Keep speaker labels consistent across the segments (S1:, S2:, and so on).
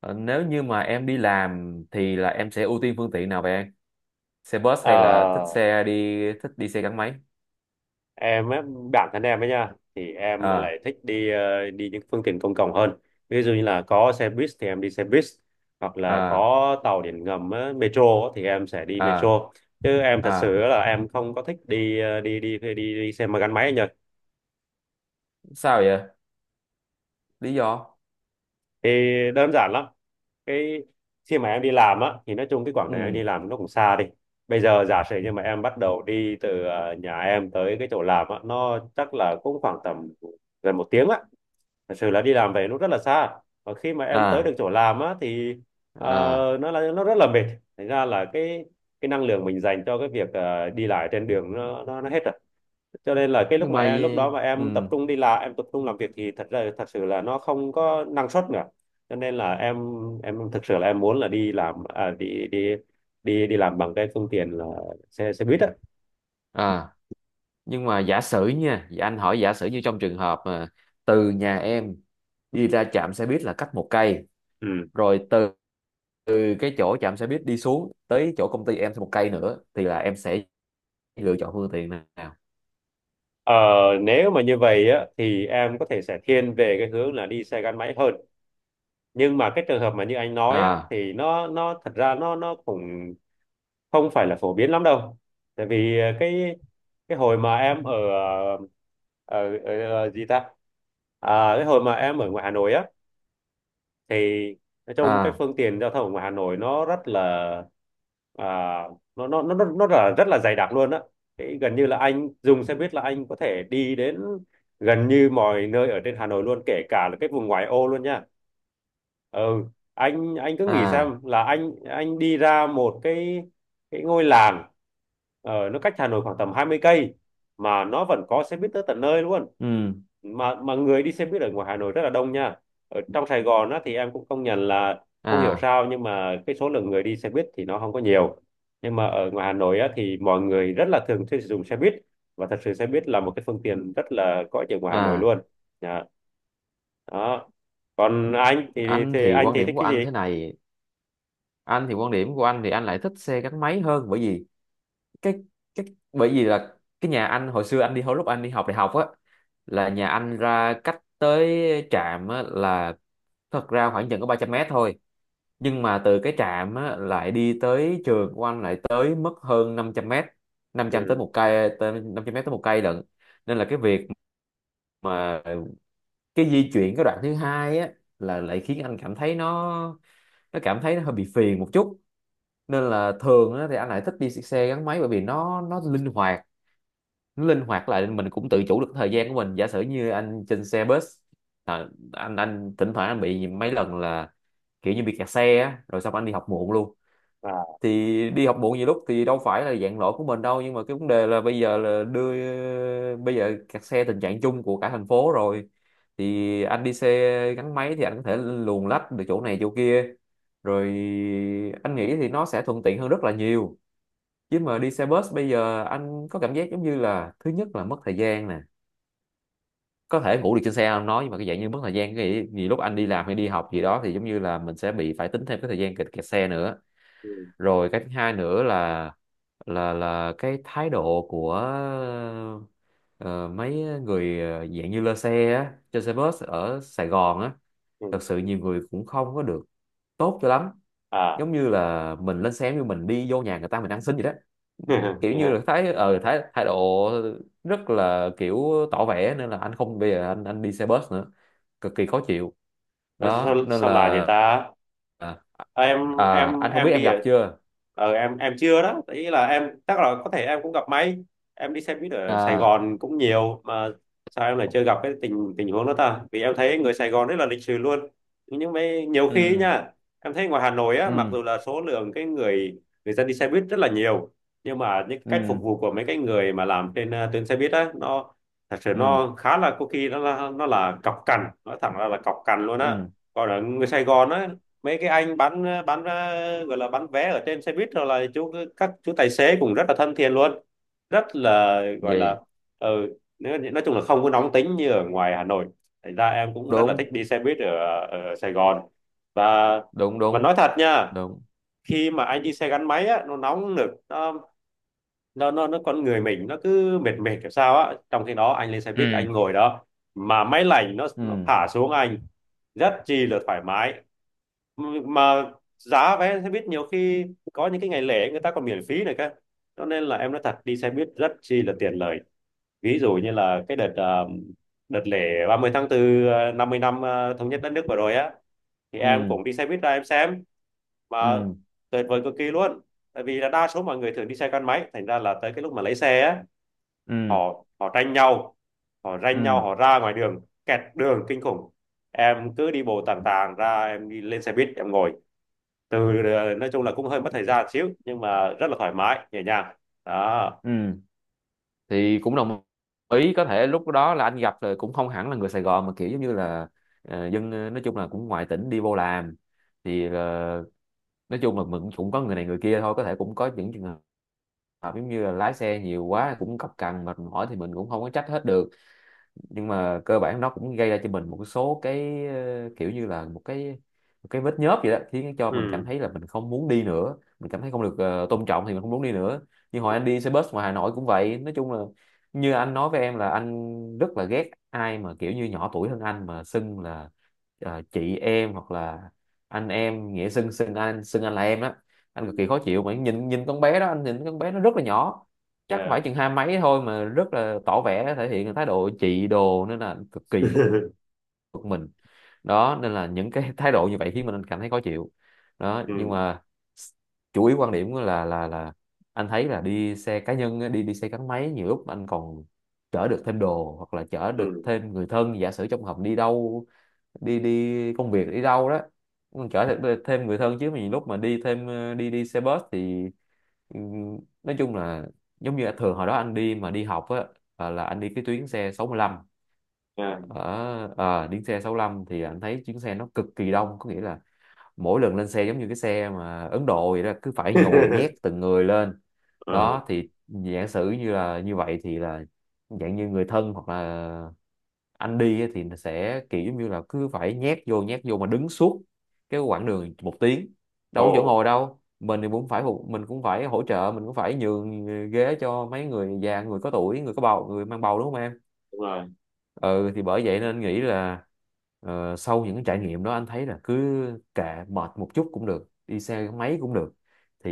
S1: Ờ, Nếu như mà em đi làm thì là em sẽ ưu tiên phương tiện nào vậy em? Xe bus
S2: Ờ,
S1: hay là thích đi xe gắn máy?
S2: em á, bản thân em ấy nha thì em
S1: À,
S2: lại thích đi những phương tiện công cộng hơn, ví dụ như là có xe buýt thì em đi xe buýt, hoặc là
S1: à,
S2: có tàu điện ngầm á, metro á, thì em sẽ đi
S1: à,
S2: metro, chứ em thật sự
S1: à,
S2: là em không có thích đi ờ, đi đi đi, đi, đi xe mà gắn máy anh nhỉ.
S1: sao vậy? Lý do?
S2: Thì đơn giản lắm, cái khi mà em đi làm á thì nói chung cái quãng đường em đi
S1: Ừ,
S2: làm nó cũng xa. Đi bây giờ giả sử như mà em bắt đầu đi từ nhà em tới cái chỗ làm á, nó chắc là cũng khoảng tầm gần một tiếng á. Thật sự là đi làm về nó rất là xa, và khi mà em tới được
S1: à,
S2: chỗ làm á thì ờ,
S1: à
S2: nó là nó rất là mệt. Thành ra là cái năng lượng mình dành cho cái việc đi lại trên đường nó hết rồi, cho nên là cái lúc
S1: nhưng
S2: mà
S1: mà
S2: em lúc đó mà
S1: ừ
S2: em tập trung đi làm, em tập trung làm việc thì thật ra thật sự là nó không có năng suất nữa. Cho nên là em thực sự là em muốn là đi làm à, đi đi làm bằng cái phương tiện là xe xe buýt á.
S1: à nhưng mà giả sử nha, dạ anh hỏi giả sử như trong trường hợp mà từ nhà em đi ra trạm xe buýt là cách một cây,
S2: Ừ.
S1: rồi từ cái chỗ trạm xe buýt đi xuống tới chỗ công ty em thêm một cây nữa thì là em sẽ lựa chọn phương tiện nào?
S2: Ờ, nếu mà như vậy á thì em có thể sẽ thiên về cái hướng là đi xe gắn máy hơn, nhưng mà cái trường hợp mà như anh nói á
S1: À,
S2: thì nó thật ra nó cũng không phải là phổ biến lắm đâu. Tại vì cái hồi mà em ở ở gì ta, à, cái hồi mà em ở ngoài Hà Nội á, thì nói chung cái
S1: à,
S2: phương tiện giao thông của Hà Nội nó rất là, à, nó là rất là dày đặc luôn á. Thì gần như là anh dùng xe buýt là anh có thể đi đến gần như mọi nơi ở trên Hà Nội luôn, kể cả là cái vùng ngoại ô luôn nha. Ừ, anh cứ nghĩ
S1: à,
S2: xem là anh đi ra một cái ngôi làng nó cách Hà Nội khoảng tầm 20 cây mà nó vẫn có xe buýt tới tận nơi luôn.
S1: ừ,
S2: Mà người đi xe buýt ở ngoài Hà Nội rất là đông nha. Ở trong Sài Gòn á, thì em cũng công nhận là không hiểu
S1: à,
S2: sao nhưng mà cái số lượng người đi xe buýt thì nó không có nhiều, nhưng mà ở ngoài Hà Nội á, thì mọi người rất là thường xuyên sử dụng xe buýt, và thật sự xe buýt là một cái phương tiện rất là có ích ở ngoài Hà Nội
S1: à.
S2: luôn. Dạ. Đó, còn anh thì,
S1: Anh
S2: thì
S1: thì
S2: anh
S1: quan
S2: thì
S1: điểm
S2: thích
S1: của
S2: cái
S1: anh
S2: gì?
S1: thế này. Anh thì quan điểm của anh thì anh lại thích xe gắn máy hơn, bởi vì cái cái bởi vì là cái nhà anh hồi xưa anh đi, hồi lúc anh đi học đại học á, là nhà anh ra cách tới trạm á, là thật ra khoảng chừng có 300 mét thôi, nhưng mà từ cái trạm á, lại đi tới trường của anh lại tới mất hơn 500 mét.
S2: Ừ.
S1: 500 mét tới một cây lận. Nên là cái việc mà cái di chuyển cái đoạn thứ hai á, là lại khiến anh cảm thấy nó cảm thấy nó hơi bị phiền một chút. Nên là thường á, thì anh lại thích đi xe gắn máy bởi vì nó linh hoạt, nó linh hoạt lại mình cũng tự chủ được thời gian của mình. Giả sử như anh trên xe bus, à, anh thỉnh thoảng anh bị mấy lần là kiểu như bị kẹt xe á, rồi xong anh đi học muộn luôn.
S2: À.
S1: Thì đi học muộn nhiều lúc thì đâu phải là dạng lỗi của mình đâu, nhưng mà cái vấn đề là bây giờ kẹt xe tình trạng chung của cả thành phố rồi. Thì anh đi xe gắn máy thì anh có thể luồn lách được chỗ này chỗ kia. Rồi anh nghĩ thì nó sẽ thuận tiện hơn rất là nhiều. Chứ mà đi xe bus bây giờ anh có cảm giác giống như là thứ nhất là mất thời gian nè, có thể ngủ được trên xe anh nói, nhưng mà cái dạng như mất thời gian cái gì lúc anh
S2: ừ.
S1: đi làm hay đi học gì đó, thì giống như là mình sẽ bị phải tính thêm cái thời gian kẹt kẹt xe nữa. Rồi cái thứ hai nữa là cái thái độ của ờ, mấy người dạng như lơ xe á, trên xe bus ở Sài Gòn á,
S2: Ừ.
S1: thật sự nhiều người cũng không có được tốt cho lắm.
S2: À.
S1: Giống như là mình lên xe như mình đi vô nhà người ta mình ăn xin vậy đó. Kiểu như
S2: Yeah.
S1: là thấy ờ thái thái độ rất là kiểu tỏ vẻ, nên là anh không bây giờ anh đi xe bus nữa. Cực kỳ khó chịu.
S2: Ủa,
S1: Đó,
S2: sao
S1: nên
S2: sao là vậy
S1: là
S2: ta?
S1: à,
S2: Ờ, em
S1: à,
S2: em
S1: anh không biết
S2: em
S1: em
S2: đi
S1: gặp
S2: ở
S1: chưa?
S2: em chưa đó, ý là em chắc là có thể em cũng gặp may, em đi xe buýt ở Sài
S1: À,
S2: Gòn cũng nhiều mà sao em lại chưa gặp cái tình tình huống đó ta, vì em thấy người Sài Gòn rất là lịch sự luôn, nhưng mấy nhiều khi ấy
S1: ừ,
S2: nha. Em thấy ngoài Hà Nội á, mặc
S1: ừ,
S2: dù là số lượng cái người người dân đi xe buýt rất là nhiều, nhưng mà những cách
S1: ừ,
S2: phục vụ của mấy cái người mà làm trên tuyến xe buýt á, nó thật sự
S1: ừ,
S2: nó khá là, có khi nó là cọc cằn, nói thẳng ra là cọc cằn luôn á.
S1: ừ
S2: Còn ở người Sài Gòn á, mấy cái anh gọi là bán vé ở trên xe buýt rồi là các chú tài xế cũng rất là thân thiện luôn, rất là gọi là,
S1: vậy.
S2: ờ, nói chung là không có nóng tính như ở ngoài Hà Nội. Thành ra em cũng rất là
S1: Đúng,
S2: thích đi xe buýt ở Sài Gòn, và
S1: đúng, đúng,
S2: nói thật nha,
S1: đúng,
S2: khi mà anh đi xe gắn máy á, nó nóng nực, nó con người mình nó cứ mệt mệt kiểu sao á, trong khi đó anh lên xe buýt
S1: ừ,
S2: anh ngồi đó mà máy lạnh nó
S1: ừ,
S2: thả xuống anh rất chi là thoải mái. Mà giá vé xe buýt nhiều khi có những cái ngày lễ người ta còn miễn phí này cơ, cho nên là em nói thật đi xe buýt rất chi là tiện lợi. Ví dụ như là đợt lễ ba mươi tháng 4 50 năm thống nhất đất nước vừa rồi á, thì em
S1: ừ,
S2: cũng đi xe buýt ra em xem mà
S1: ừ,
S2: tuyệt vời cực kỳ luôn. Tại vì là đa số mọi người thường đi xe gắn máy, thành ra là tới cái lúc mà lấy xe á,
S1: ừ,
S2: họ họ tranh nhau, họ ranh nhau
S1: ừ,
S2: họ ra ngoài đường, kẹt đường kinh khủng. Em cứ đi bộ tàn tàn ra, em đi lên xe buýt em ngồi, từ nói chung là cũng hơi mất thời gian xíu nhưng mà rất là thoải mái nhẹ nhàng. Đó.
S1: ừ thì cũng đồng ý. Có thể lúc đó là anh gặp rồi, cũng không hẳn là người Sài Gòn mà kiểu giống như là dân, nói chung là cũng ngoài tỉnh đi vô làm, thì nói chung là mình cũng có người này người kia thôi. Có thể cũng có những trường hợp giống như là lái xe nhiều quá cũng cọc cằn mệt mỏi thì mình cũng không có trách hết được. Nhưng mà cơ bản nó cũng gây ra cho mình một số cái kiểu như là một cái, một cái vết nhớp vậy đó, khiến cho mình cảm
S2: Ừ.
S1: thấy là mình không muốn đi nữa, mình cảm thấy không được tôn trọng thì mình không muốn đi nữa. Như hồi anh đi xe bus ngoài Hà Nội cũng vậy, nói chung là như anh nói với em là anh rất là ghét ai mà kiểu như nhỏ tuổi hơn anh mà xưng là chị em hoặc là anh em, nghĩa xưng xưng anh là em đó. Anh cực kỳ khó chịu mà nhìn nhìn con bé đó, anh nhìn con bé nó rất là nhỏ, chắc
S2: Yeah.
S1: phải chừng hai mấy thôi mà rất là tỏ vẻ thể hiện thái độ trị đồ, nên là cực kỳ bực mình. Đó nên là những cái thái độ như vậy khiến mình cảm thấy khó chịu. Đó nhưng
S2: Ừ.
S1: mà chủ yếu quan điểm là anh thấy là đi xe cá nhân á, đi đi xe gắn máy nhiều lúc anh còn chở được thêm đồ hoặc là chở được
S2: Ừ.
S1: thêm người thân, giả sử trong hợp đi đâu, đi đi công việc đi đâu đó, mình chở thêm thêm người thân. Chứ mình lúc mà đi thêm đi đi xe bus thì ừ, nói chung là giống như thường hồi đó anh đi mà đi học á, là anh đi cái tuyến xe 65.
S2: Yeah.
S1: Ở đi xe 65 thì anh thấy chuyến xe nó cực kỳ đông, có nghĩa là mỗi lần lên xe giống như cái xe mà Ấn Độ vậy đó, cứ phải nhồi nhét từng người lên.
S2: Ừ.
S1: Đó thì giả sử như là như vậy thì là dạng như người thân hoặc là anh đi á, thì sẽ kiểu giống như là cứ phải nhét vô mà đứng suốt cái quãng đường 1 tiếng, đâu
S2: Ồ.
S1: có chỗ ngồi đâu. Mình thì cũng phải mình cũng phải hỗ trợ, mình cũng phải nhường ghế cho mấy người già, người có tuổi, người có bầu, người mang bầu, đúng không em?
S2: Đúng rồi.
S1: Ừ thì bởi vậy nên anh nghĩ là sau những cái trải nghiệm đó anh thấy là cứ kệ, mệt một chút cũng được, đi xe máy cũng được. Thì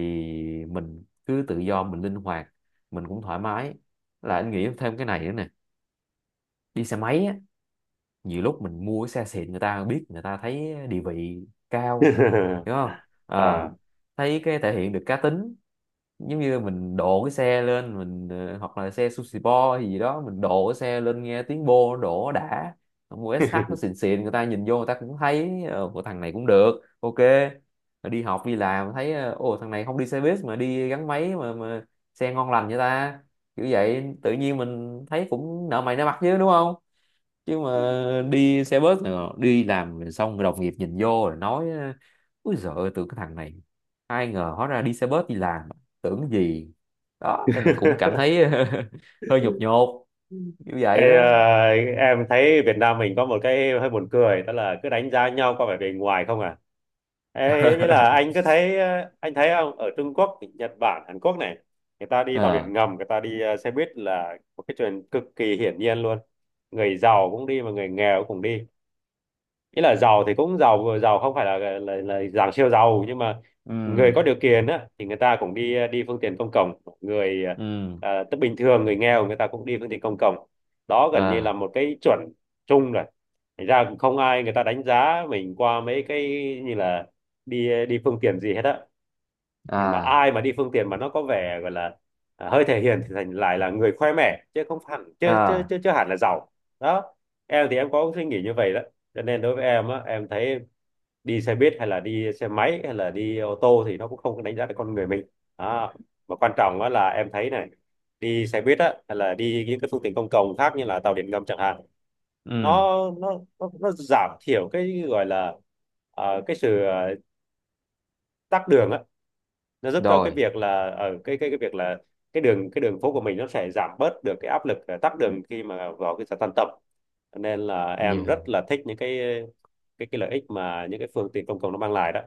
S1: mình cứ tự do, mình linh hoạt, mình cũng thoải mái. Là anh nghĩ thêm cái này nữa nè, đi xe máy á, nhiều lúc mình mua cái xe xịn, người ta biết người ta thấy địa vị cao, hiểu không? À,
S2: À.
S1: thấy cái thể hiện được cá tính, giống như mình độ cái xe lên mình hoặc là xe sushi bo hay gì đó, mình độ cái xe lên nghe tiếng bô nó đổ đã. Mua SH nó xịn xịn, người ta nhìn vô người ta cũng thấy của thằng này cũng được, ok. Rồi đi học đi làm thấy ồ, thằng này không đi xe buýt mà đi gắn máy mà xe ngon lành vậy ta, kiểu vậy tự nhiên mình thấy cũng nợ mày nợ mặt chứ đúng không? Chứ mà đi xe bus này, đi làm rồi xong rồi đồng nghiệp nhìn vô rồi nói: ui giời ơi tưởng cái thằng này, ai ngờ hóa ra đi xe bus đi làm, tưởng gì. Đó nên là cũng cảm thấy hơi nhột nhột như vậy
S2: Ê,
S1: đó.
S2: à, em thấy Việt Nam mình có một cái hơi buồn cười, đó là cứ đánh giá nhau qua vẻ bề ngoài không à. Ê, ý là anh cứ thấy anh thấy không, ở Trung Quốc, Nhật Bản, Hàn Quốc này, người ta đi tàu điện
S1: À,
S2: ngầm, người ta đi xe buýt là một cái chuyện cực kỳ hiển nhiên luôn. Người giàu cũng đi mà người nghèo cũng đi, ý là giàu thì cũng giàu giàu, không phải là là dạng siêu giàu, nhưng mà
S1: ừ,
S2: người có điều kiện á thì người ta cũng đi đi phương tiện công cộng. Người
S1: ừ,
S2: à, tức bình thường người nghèo người ta cũng đi phương tiện công cộng, đó gần như là
S1: à,
S2: một cái chuẩn chung rồi. Thành ra cũng không ai người ta đánh giá mình qua mấy cái như là đi đi phương tiện gì hết á, thì mà
S1: à,
S2: ai mà đi phương tiện mà nó có vẻ gọi là, à, hơi thể hiện thì thành lại là người khoe mẽ, chứ không hẳn chứ chứ
S1: à,
S2: chứ, chứ hẳn là giàu. Đó, em thì em có suy nghĩ như vậy đó, cho nên đối với em á em thấy đi xe buýt hay là đi xe máy hay là đi ô tô thì nó cũng không có đánh giá được con người mình. Đó. Mà quan trọng á là em thấy này, đi xe buýt á hay là đi những cái phương tiện công cộng khác như là tàu điện ngầm chẳng hạn,
S1: ừ
S2: nó nó giảm thiểu cái gọi là, cái sự tắc đường á, nó giúp cho cái
S1: rồi.
S2: việc là ở cái việc là cái đường phố của mình nó sẽ giảm bớt được cái áp lực tắc đường khi mà vào cái giờ tan tầm. Cho nên là em rất
S1: nhưng
S2: là thích những cái cái lợi ích mà những cái phương tiện công cộng nó mang lại đó.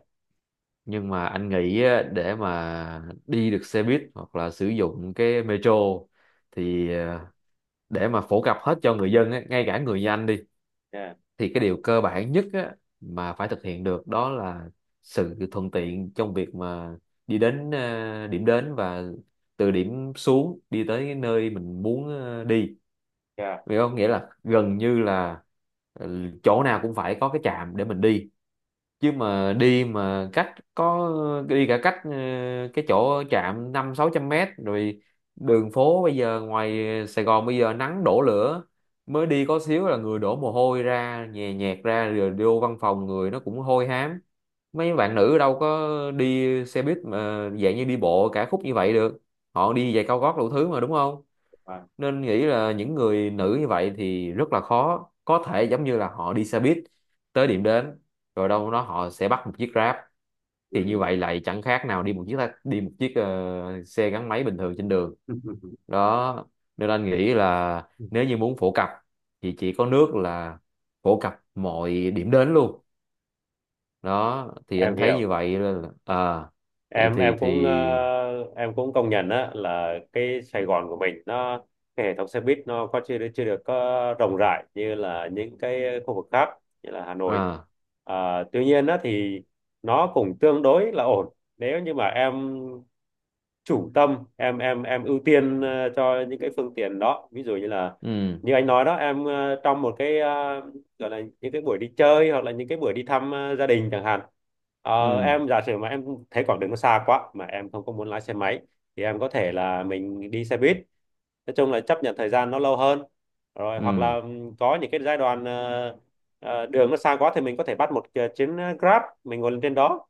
S1: nhưng mà anh nghĩ á, để mà đi được xe buýt hoặc là sử dụng cái metro thì để mà phổ cập hết cho người dân á, ngay cả người như anh đi,
S2: Yeah.
S1: thì cái điều cơ bản nhất á, mà phải thực hiện được đó là sự thuận tiện trong việc mà đi đến điểm đến, và từ điểm xuống đi tới cái nơi mình muốn đi,
S2: Yeah.
S1: hiểu không? Nghĩa là gần như là ừ, chỗ nào cũng phải có cái trạm để mình đi. Chứ mà đi mà cách có, đi cả cách cái chỗ trạm năm sáu trăm mét rồi, đường phố bây giờ ngoài Sài Gòn bây giờ nắng đổ lửa, mới đi có xíu là người đổ mồ hôi ra nhè nhẹt ra, rồi vô văn phòng người nó cũng hôi hám. Mấy bạn nữ đâu có đi xe buýt mà dạng như đi bộ cả khúc như vậy được, họ đi giày cao gót đủ thứ mà, đúng không?
S2: À.
S1: Nên nghĩ là những người nữ như vậy thì rất là khó có thể giống như là họ đi xe buýt tới điểm đến, rồi đâu đó họ sẽ bắt một chiếc Grab.
S2: Ừ.
S1: Thì như vậy lại chẳng khác nào đi một chiếc đi một chiếc xe gắn máy bình thường trên đường. Đó nên anh nghĩ là nếu như muốn phổ cập thì chỉ có nước là phổ cập mọi điểm đến luôn. Đó thì
S2: Em
S1: anh thấy
S2: hiểu.
S1: như vậy là à thì
S2: Em
S1: thì thì
S2: cũng em cũng công nhận á là cái Sài Gòn của mình nó, cái hệ thống xe buýt nó có chưa được có rộng rãi như là những cái khu vực khác như là Hà Nội.
S1: à,
S2: À, tuy nhiên á thì nó cũng tương đối là ổn, nếu như mà em chủ tâm em ưu tiên cho những cái phương tiện đó, ví dụ như là
S1: ừ,
S2: như anh nói đó em, trong gọi là những cái buổi đi chơi hoặc là những cái buổi đi thăm gia đình chẳng hạn. Ờ,
S1: ừ,
S2: em giả sử mà em thấy quãng đường nó xa quá mà em không có muốn lái xe máy, thì em có thể là mình đi xe buýt, nói chung là chấp nhận thời gian nó lâu hơn, rồi hoặc
S1: ừ,
S2: là có những cái giai đoạn đường nó xa quá thì mình có thể bắt một cái chuyến Grab mình ngồi lên trên đó.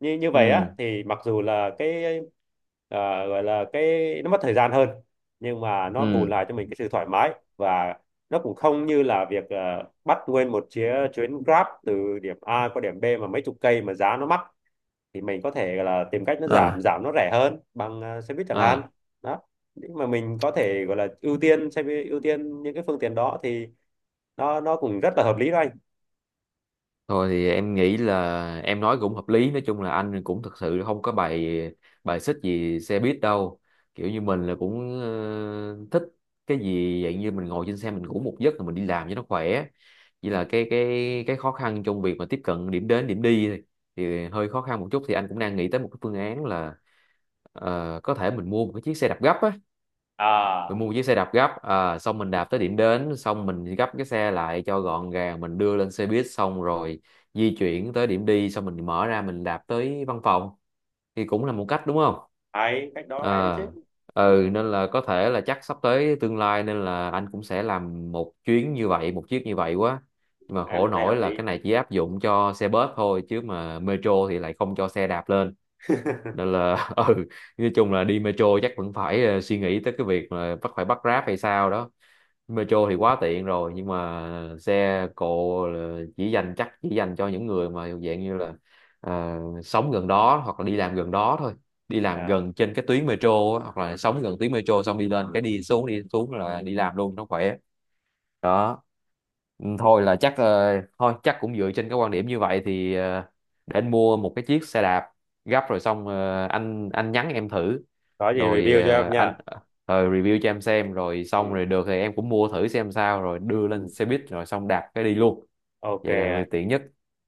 S2: Như như vậy á
S1: ừ,
S2: thì mặc dù là gọi là cái nó mất thời gian hơn, nhưng mà nó bù
S1: ừ,
S2: lại cho mình cái sự thoải mái, và nó cũng không như là việc bắt nguyên một chuyến chuyến Grab từ điểm A qua điểm B mà mấy chục cây mà giá nó mắc, thì mình có thể là tìm cách nó giảm
S1: à,
S2: giảm nó rẻ hơn bằng xe buýt chẳng hạn.
S1: à.
S2: Đó, nhưng mà mình có thể gọi là ưu tiên xe buýt, ưu tiên những cái phương tiện đó thì nó cũng rất là hợp lý đó anh.
S1: Thôi thì em nghĩ là em nói cũng hợp lý. Nói chung là anh cũng thực sự không có bài bài xích gì xe buýt đâu, kiểu như mình là cũng thích cái gì dạng như mình ngồi trên xe mình ngủ một giấc rồi mình đi làm cho nó khỏe. Chỉ là cái khó khăn trong việc mà tiếp cận điểm đến điểm đi thì hơi khó khăn một chút. Thì anh cũng đang nghĩ tới một cái phương án là có thể mình mua một cái chiếc xe đạp gấp á, mình
S2: À,
S1: mua một chiếc xe đạp gấp à, xong mình đạp tới điểm đến, xong mình gấp cái xe lại cho gọn gàng, mình đưa lên xe buýt, xong rồi di chuyển tới điểm đi, xong mình mở ra mình đạp tới văn phòng. Thì cũng là một cách, đúng không?
S2: hay cách đó hay đấy
S1: À,
S2: chứ.
S1: ừ nên là có thể là chắc sắp tới tương lai nên là anh cũng sẽ làm một chuyến như vậy, một chiếc như vậy quá. Nhưng mà
S2: Em
S1: khổ
S2: thấy
S1: nỗi
S2: hợp
S1: là
S2: lý.
S1: cái này chỉ áp dụng cho xe bus thôi, chứ mà metro thì lại không cho xe đạp lên. Nên là ừ, nói chung là đi metro chắc vẫn phải suy nghĩ tới cái việc mà bắt Grab hay sao đó. Metro thì quá tiện rồi, nhưng mà xe cộ là chỉ dành, chắc chỉ dành cho những người mà dạng như là ờ, sống gần đó hoặc là đi làm gần đó thôi. Đi làm
S2: À,
S1: gần trên cái tuyến metro á, hoặc là sống gần tuyến metro, xong đi lên cái, đi xuống là đi làm luôn nó khỏe. Đó. Ừ, thôi là chắc thôi chắc cũng dựa trên cái quan điểm như vậy thì để anh mua một cái chiếc xe đạp gấp, rồi xong anh nhắn em thử.
S2: có gì
S1: Rồi
S2: review cho em
S1: anh
S2: nha.
S1: review cho em xem, rồi xong
S2: Ừ,
S1: rồi được thì em cũng mua thử xem sao, rồi đưa lên
S2: ừ.
S1: xe buýt rồi xong đạp cái đi luôn.
S2: OK
S1: Vậy là
S2: anh.
S1: tiện nhất.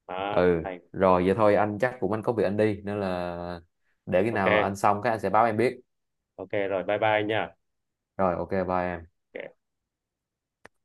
S2: Đó,
S1: Ừ
S2: thành.
S1: rồi vậy thôi, anh chắc cũng anh có việc anh đi, nên là để khi
S2: OK.
S1: nào anh xong cái anh sẽ báo em biết.
S2: OK rồi bye bye anh nha.
S1: Rồi ok bye em.
S2: OK.